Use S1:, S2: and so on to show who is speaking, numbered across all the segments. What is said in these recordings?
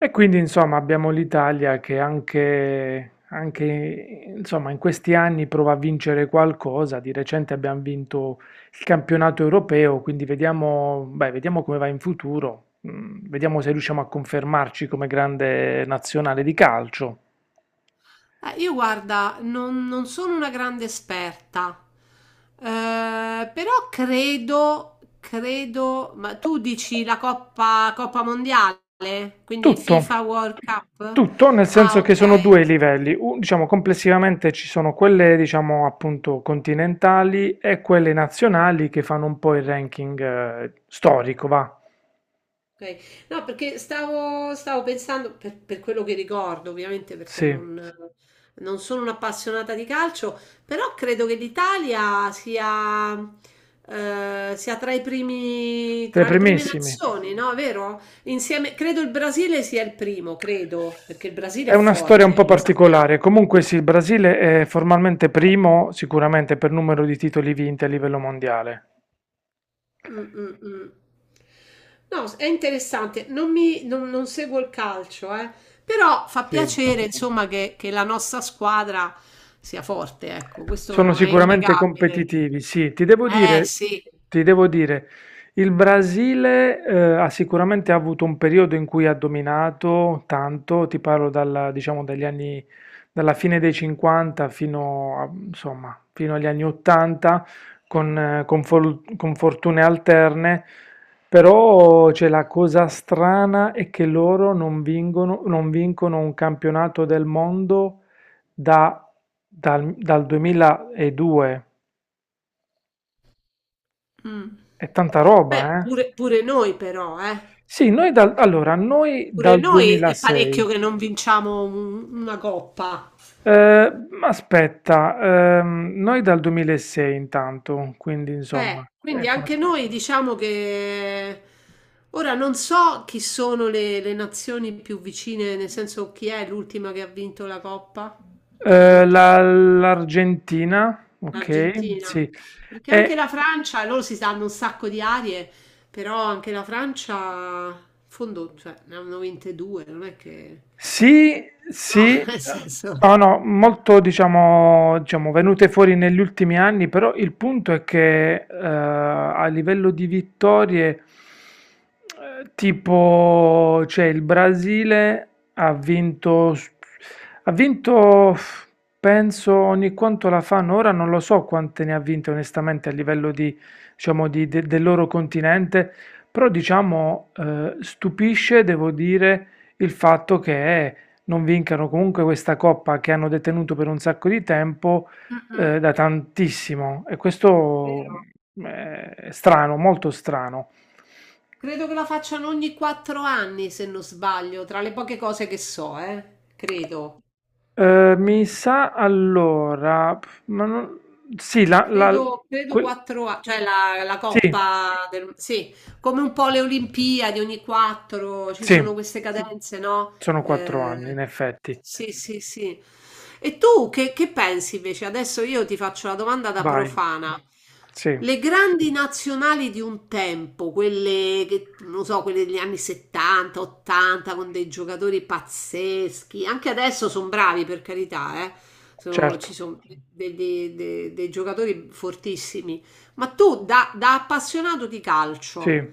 S1: E quindi insomma abbiamo l'Italia che anche, insomma, in questi anni prova a vincere qualcosa. Di recente abbiamo vinto il campionato europeo, quindi vediamo, beh, vediamo come va in futuro. Mm, vediamo se riusciamo a confermarci come grande nazionale di calcio.
S2: Io guarda, non sono una grande esperta, però credo, ma tu dici la Coppa Mondiale, quindi
S1: Tutto,
S2: FIFA World Cup?
S1: tutto, nel
S2: Ah,
S1: senso che
S2: ok.
S1: sono due i livelli. Diciamo complessivamente ci sono quelle diciamo appunto continentali e quelle nazionali che fanno un po' il ranking storico, va.
S2: Okay. No, perché stavo pensando, per quello che ricordo ovviamente, perché
S1: Sì,
S2: non sono un'appassionata di calcio, però credo che l'Italia sia tra i primi,
S1: tra i
S2: tra le prime
S1: primissimi.
S2: nazioni, no? Vero? Insieme, credo il Brasile sia il primo, credo, perché il Brasile
S1: È
S2: è
S1: una storia un
S2: forte,
S1: po'
S2: lo
S1: particolare.
S2: sappiamo.
S1: Comunque sì, il Brasile è formalmente primo, sicuramente per numero di titoli vinti a livello mondiale.
S2: Mh, mh, mh. No, è interessante. Non mi, non, non seguo il calcio, eh. Però fa
S1: Sì.
S2: piacere, insomma, che la nostra squadra sia forte, ecco,
S1: Sono
S2: questo è
S1: sicuramente
S2: innegabile.
S1: competitivi, sì. Ti devo dire,
S2: Sì.
S1: ti devo dire, il Brasile ha sicuramente avuto un periodo in cui ha dominato tanto. Diciamo, dalla fine dei anni '50 insomma, fino agli anni '80, con fortune alterne. Però c'è, la cosa strana è che loro non vincono, non vincono un campionato del mondo da dal dal 2002.
S2: Mm.
S1: È tanta
S2: Beh,
S1: roba, eh.
S2: pure noi però, eh.
S1: Sì, noi dal allora, noi
S2: Pure
S1: dal
S2: noi è
S1: 2006.
S2: parecchio che non vinciamo una coppa.
S1: Aspetta, noi dal 2006 intanto, quindi insomma,
S2: Quindi anche noi diciamo che ora non so chi sono le nazioni più vicine, nel senso chi è l'ultima che ha vinto la Coppa? L'ultima,
S1: l'Argentina, ok,
S2: l'Argentina.
S1: sì.
S2: Perché anche
S1: E
S2: la Francia, loro si danno un sacco di arie, però anche la Francia, in fondo, cioè, ne hanno vinte due, non è che.
S1: sì,
S2: No,
S1: sì,
S2: nel senso.
S1: no, no, molto diciamo, diciamo venute fuori negli ultimi anni. Però il punto è che a livello di vittorie, tipo, cioè il Brasile ha vinto, ha vinto, penso, ogni quanto la fanno, ora non lo so quante ne ha vinte onestamente a livello di, diciamo, del loro continente. Però diciamo, stupisce, devo dire il fatto che non vincano comunque questa coppa che hanno detenuto per un sacco di tempo
S2: Mm-mm.
S1: da tantissimo, e questo
S2: Vero.
S1: è strano, molto strano.
S2: Credo che la facciano ogni 4 anni, se non sbaglio, tra le poche cose che so, credo.
S1: Mi sa allora, pff, sì,
S2: Credo
S1: quel-
S2: 4 anni, cioè la
S1: sì,
S2: Coppa del. Sì, come un po' le Olimpiadi ogni quattro, ci
S1: sì,
S2: sono queste cadenze, no?
S1: sono quattro
S2: Eh,
S1: anni in effetti.
S2: sì, sì, sì. E tu che pensi invece? Adesso io ti faccio la domanda da
S1: Vai,
S2: profana.
S1: sì,
S2: Le grandi nazionali di un tempo, quelle che, non so, quelle degli anni 70, 80, con dei giocatori pazzeschi, anche adesso sono bravi per carità, eh?
S1: certo,
S2: Ci sono dei giocatori fortissimi. Ma tu, da appassionato di calcio,
S1: sì,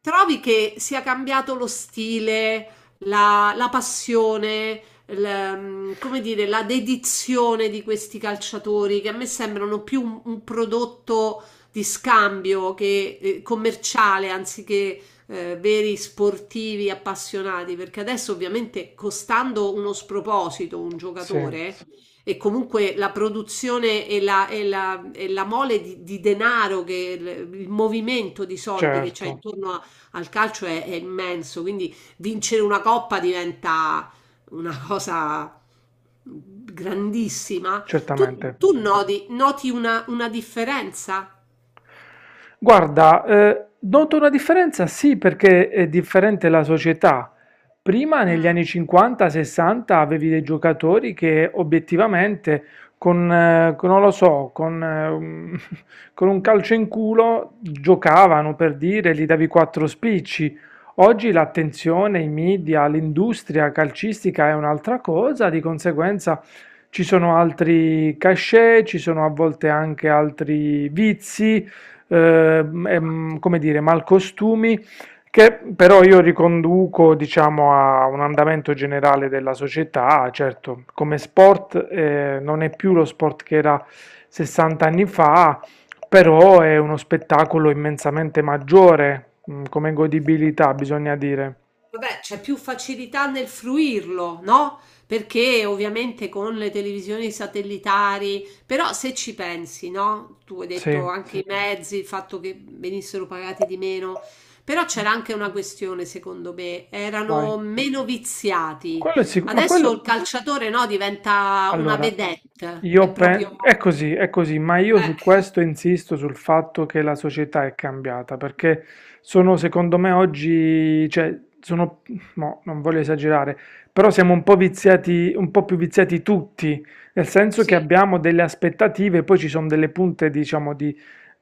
S2: trovi che sia cambiato lo stile, la passione, come dire, la dedizione di questi calciatori che a me sembrano più un prodotto di scambio che commerciale anziché veri sportivi appassionati, perché adesso ovviamente costando uno sproposito un
S1: sì,
S2: giocatore e comunque la produzione e la mole di denaro, il movimento di soldi che c'è
S1: certo,
S2: intorno a al calcio è immenso, quindi vincere una coppa diventa una cosa grandissima.
S1: certamente.
S2: Tu noti una differenza?
S1: Guarda, noto una differenza, sì, perché è differente la società. Prima, negli
S2: Mm,
S1: anni '50-'60, avevi dei giocatori che obiettivamente, non lo so, un con un calcio in culo giocavano, per dire, gli davi quattro spicci. Oggi l'attenzione, i media, l'industria calcistica è un'altra cosa. Di conseguenza ci sono altri cachet, ci sono a volte anche altri vizi,
S2: esatto.
S1: come dire, malcostumi, che però io riconduco, diciamo, a un andamento generale della società. Certo, come sport non è più lo sport che era 60 anni fa, però è uno spettacolo immensamente maggiore, mm, come godibilità, bisogna dire.
S2: Vabbè, c'è più facilità nel fruirlo, no? Perché ovviamente con le televisioni satellitari, però se ci pensi, no? Tu hai
S1: Sì,
S2: detto anche i mezzi, il fatto che venissero pagati di meno, però c'era anche una questione, secondo me,
S1: vai.
S2: erano meno viziati.
S1: Quello è sicuro, ma
S2: Adesso il
S1: quello...
S2: calciatore, no, diventa una
S1: Allora,
S2: vedette, è
S1: io penso,
S2: proprio.
S1: è così, ma io su
S2: Eh,
S1: questo insisto sul fatto che la società è cambiata, perché sono, secondo me, oggi, cioè, sono, mo, non voglio esagerare, però siamo un po' viziati, un po' più viziati tutti, nel senso che
S2: sì,
S1: abbiamo delle aspettative. Poi ci sono delle punte, diciamo, di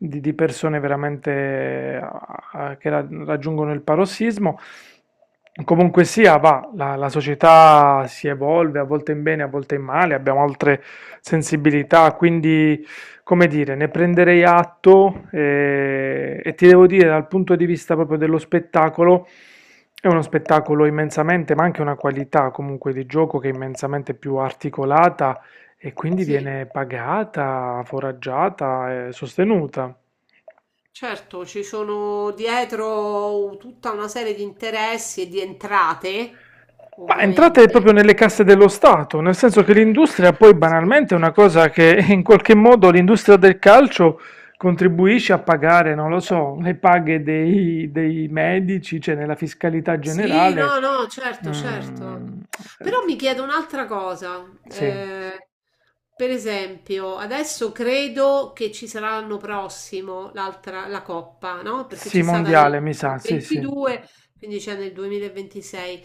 S1: di, di persone veramente ah, che raggiungono il parossismo. Comunque sia, va, la società si evolve a volte in bene, a volte in male, abbiamo altre sensibilità, quindi, come dire, ne prenderei atto e, ti devo dire, dal punto di vista proprio dello spettacolo, è uno spettacolo immensamente, ma anche una qualità comunque di gioco che è immensamente più articolata, e quindi
S2: sì.
S1: viene pagata, foraggiata e sostenuta.
S2: Certo, ci sono dietro tutta una serie di interessi e di entrate,
S1: Ma entrate proprio
S2: ovviamente.
S1: nelle casse dello Stato, nel senso che l'industria poi
S2: Sì.
S1: banalmente è una cosa che in qualche modo l'industria del calcio contribuisce a pagare, non lo so, le paghe dei, dei medici, cioè nella fiscalità
S2: Sì,
S1: generale.
S2: no, no, certo, certo.
S1: Mm,
S2: Però mi chiedo un'altra cosa.
S1: sì,
S2: eh, per esempio, adesso credo che ci sarà l'anno prossimo l'altra, la Coppa, no? Perché
S1: sì,
S2: c'è stata
S1: mondiale, mi sa,
S2: nel
S1: sì, sì.
S2: 22, quindi c'è nel 2026.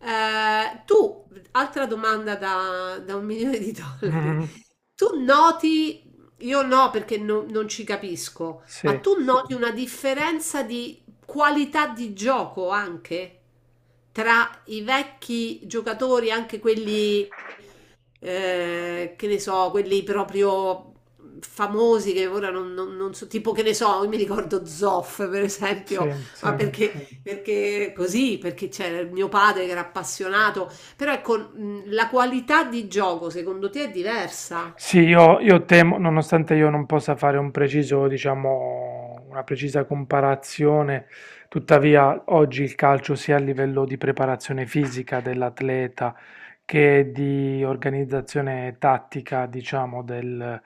S2: Tu, altra domanda da un milione di dollari.
S1: Mhm,
S2: Tu noti, io no perché non ci capisco, ma
S1: sì,
S2: tu noti una differenza di qualità di gioco anche tra i vecchi giocatori, anche quelli, che ne so, quelli proprio famosi che ora non so, tipo che ne so, io mi ricordo Zoff per esempio,
S1: sì, sì.
S2: ma perché, perché così, perché c'era il mio padre che era appassionato, però ecco, la qualità di gioco secondo te è diversa?
S1: Sì, io temo, nonostante io non possa fare un preciso, diciamo, una precisa comparazione, tuttavia oggi il calcio sia a livello di preparazione fisica dell'atleta che di organizzazione tattica, diciamo, del,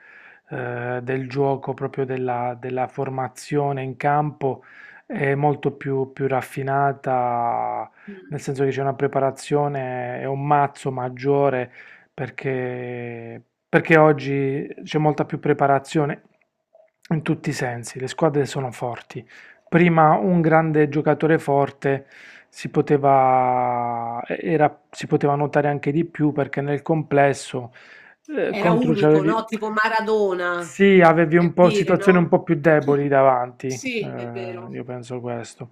S1: del gioco, proprio della, della formazione in campo, è molto più, più raffinata, nel
S2: Mm.
S1: senso che c'è una preparazione e un mazzo maggiore perché, perché oggi c'è molta più preparazione in tutti i sensi, le squadre sono forti. Prima un grande giocatore forte si poteva notare anche di più, perché nel complesso
S2: Era
S1: contro
S2: unico, no?
S1: c'avevi,
S2: Tipo Maradona,
S1: sì, avevi un
S2: per
S1: po'
S2: dire,
S1: situazioni un
S2: no?
S1: po' più deboli davanti,
S2: Sì, è vero.
S1: io penso questo.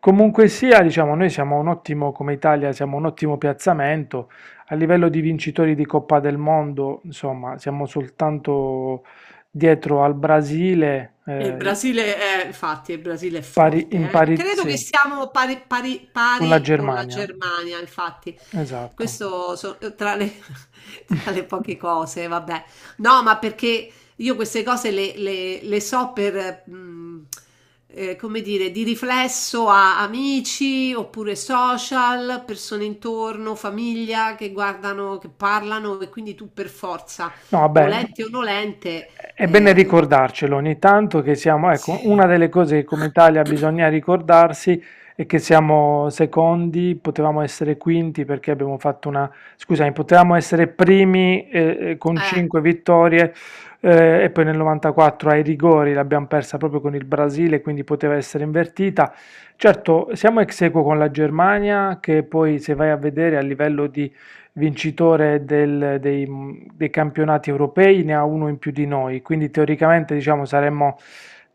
S1: Comunque sia, diciamo, noi siamo un ottimo, come Italia, siamo un ottimo piazzamento a livello di vincitori di Coppa del Mondo. Insomma, siamo soltanto dietro al Brasile,
S2: E il Brasile è, infatti, il Brasile è
S1: in
S2: forte. Eh.
S1: pari,
S2: Credo
S1: sì,
S2: che siamo
S1: con la
S2: pari con la
S1: Germania.
S2: Germania, infatti.
S1: Esatto.
S2: Questo tra le, tra le poche cose, vabbè. No, ma perché io queste cose le so come dire, di riflesso a amici oppure social, persone intorno, famiglia che guardano, che parlano e quindi tu per forza,
S1: No, vabbè,
S2: volente o nolente.
S1: è bene
S2: Ehm
S1: ricordarcelo ogni tanto che siamo, ecco, una
S2: Sì.
S1: delle cose che come Italia bisogna ricordarsi è che siamo secondi. Potevamo essere quinti perché abbiamo fatto una, scusami, potevamo essere primi con
S2: Eh.
S1: 5 vittorie, e poi nel '94 ai rigori l'abbiamo persa proprio con il Brasile, quindi poteva essere invertita. Certo, siamo ex aequo con la Germania che poi, se vai a vedere a livello di vincitore del- dei, dei campionati europei, ne ha uno in più di noi, quindi teoricamente diciamo saremmo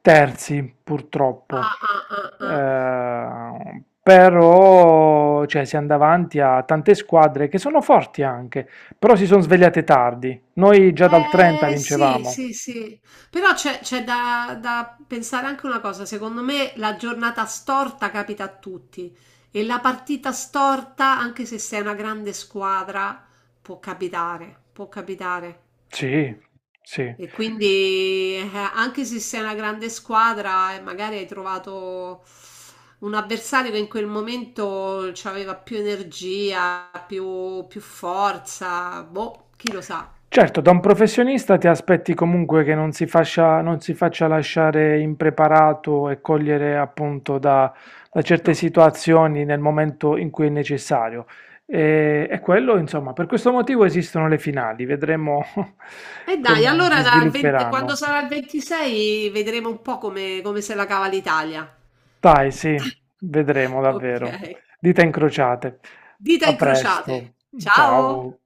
S1: terzi, purtroppo.
S2: Ah, ah, ah, ah.
S1: Però cioè, siamo davanti a tante squadre che sono forti anche, però si sono svegliate tardi. Noi già dal '30
S2: Sì,
S1: vincevamo.
S2: sì, sì. Però c'è da pensare anche una cosa, secondo me la giornata storta capita a tutti e la partita storta, anche se sei una grande squadra, può capitare, può capitare.
S1: Sì, sì.
S2: E quindi anche se sei una grande squadra e magari hai trovato un avversario che in quel momento aveva più energia, più forza, boh, chi lo sa.
S1: Certo, da un professionista ti aspetti comunque che non si faccia lasciare impreparato e cogliere appunto da, da certe
S2: No.
S1: situazioni nel momento in cui è necessario. E quello, insomma, per questo motivo esistono le finali, vedremo
S2: E dai,
S1: come si
S2: allora dal 20 quando
S1: svilupperanno.
S2: sarà il 26 vedremo un po' come se la cava l'Italia.
S1: Dai, sì, vedremo
S2: Ok,
S1: davvero. Dita incrociate.
S2: dita
S1: A
S2: incrociate.
S1: presto,
S2: Ciao!
S1: ciao.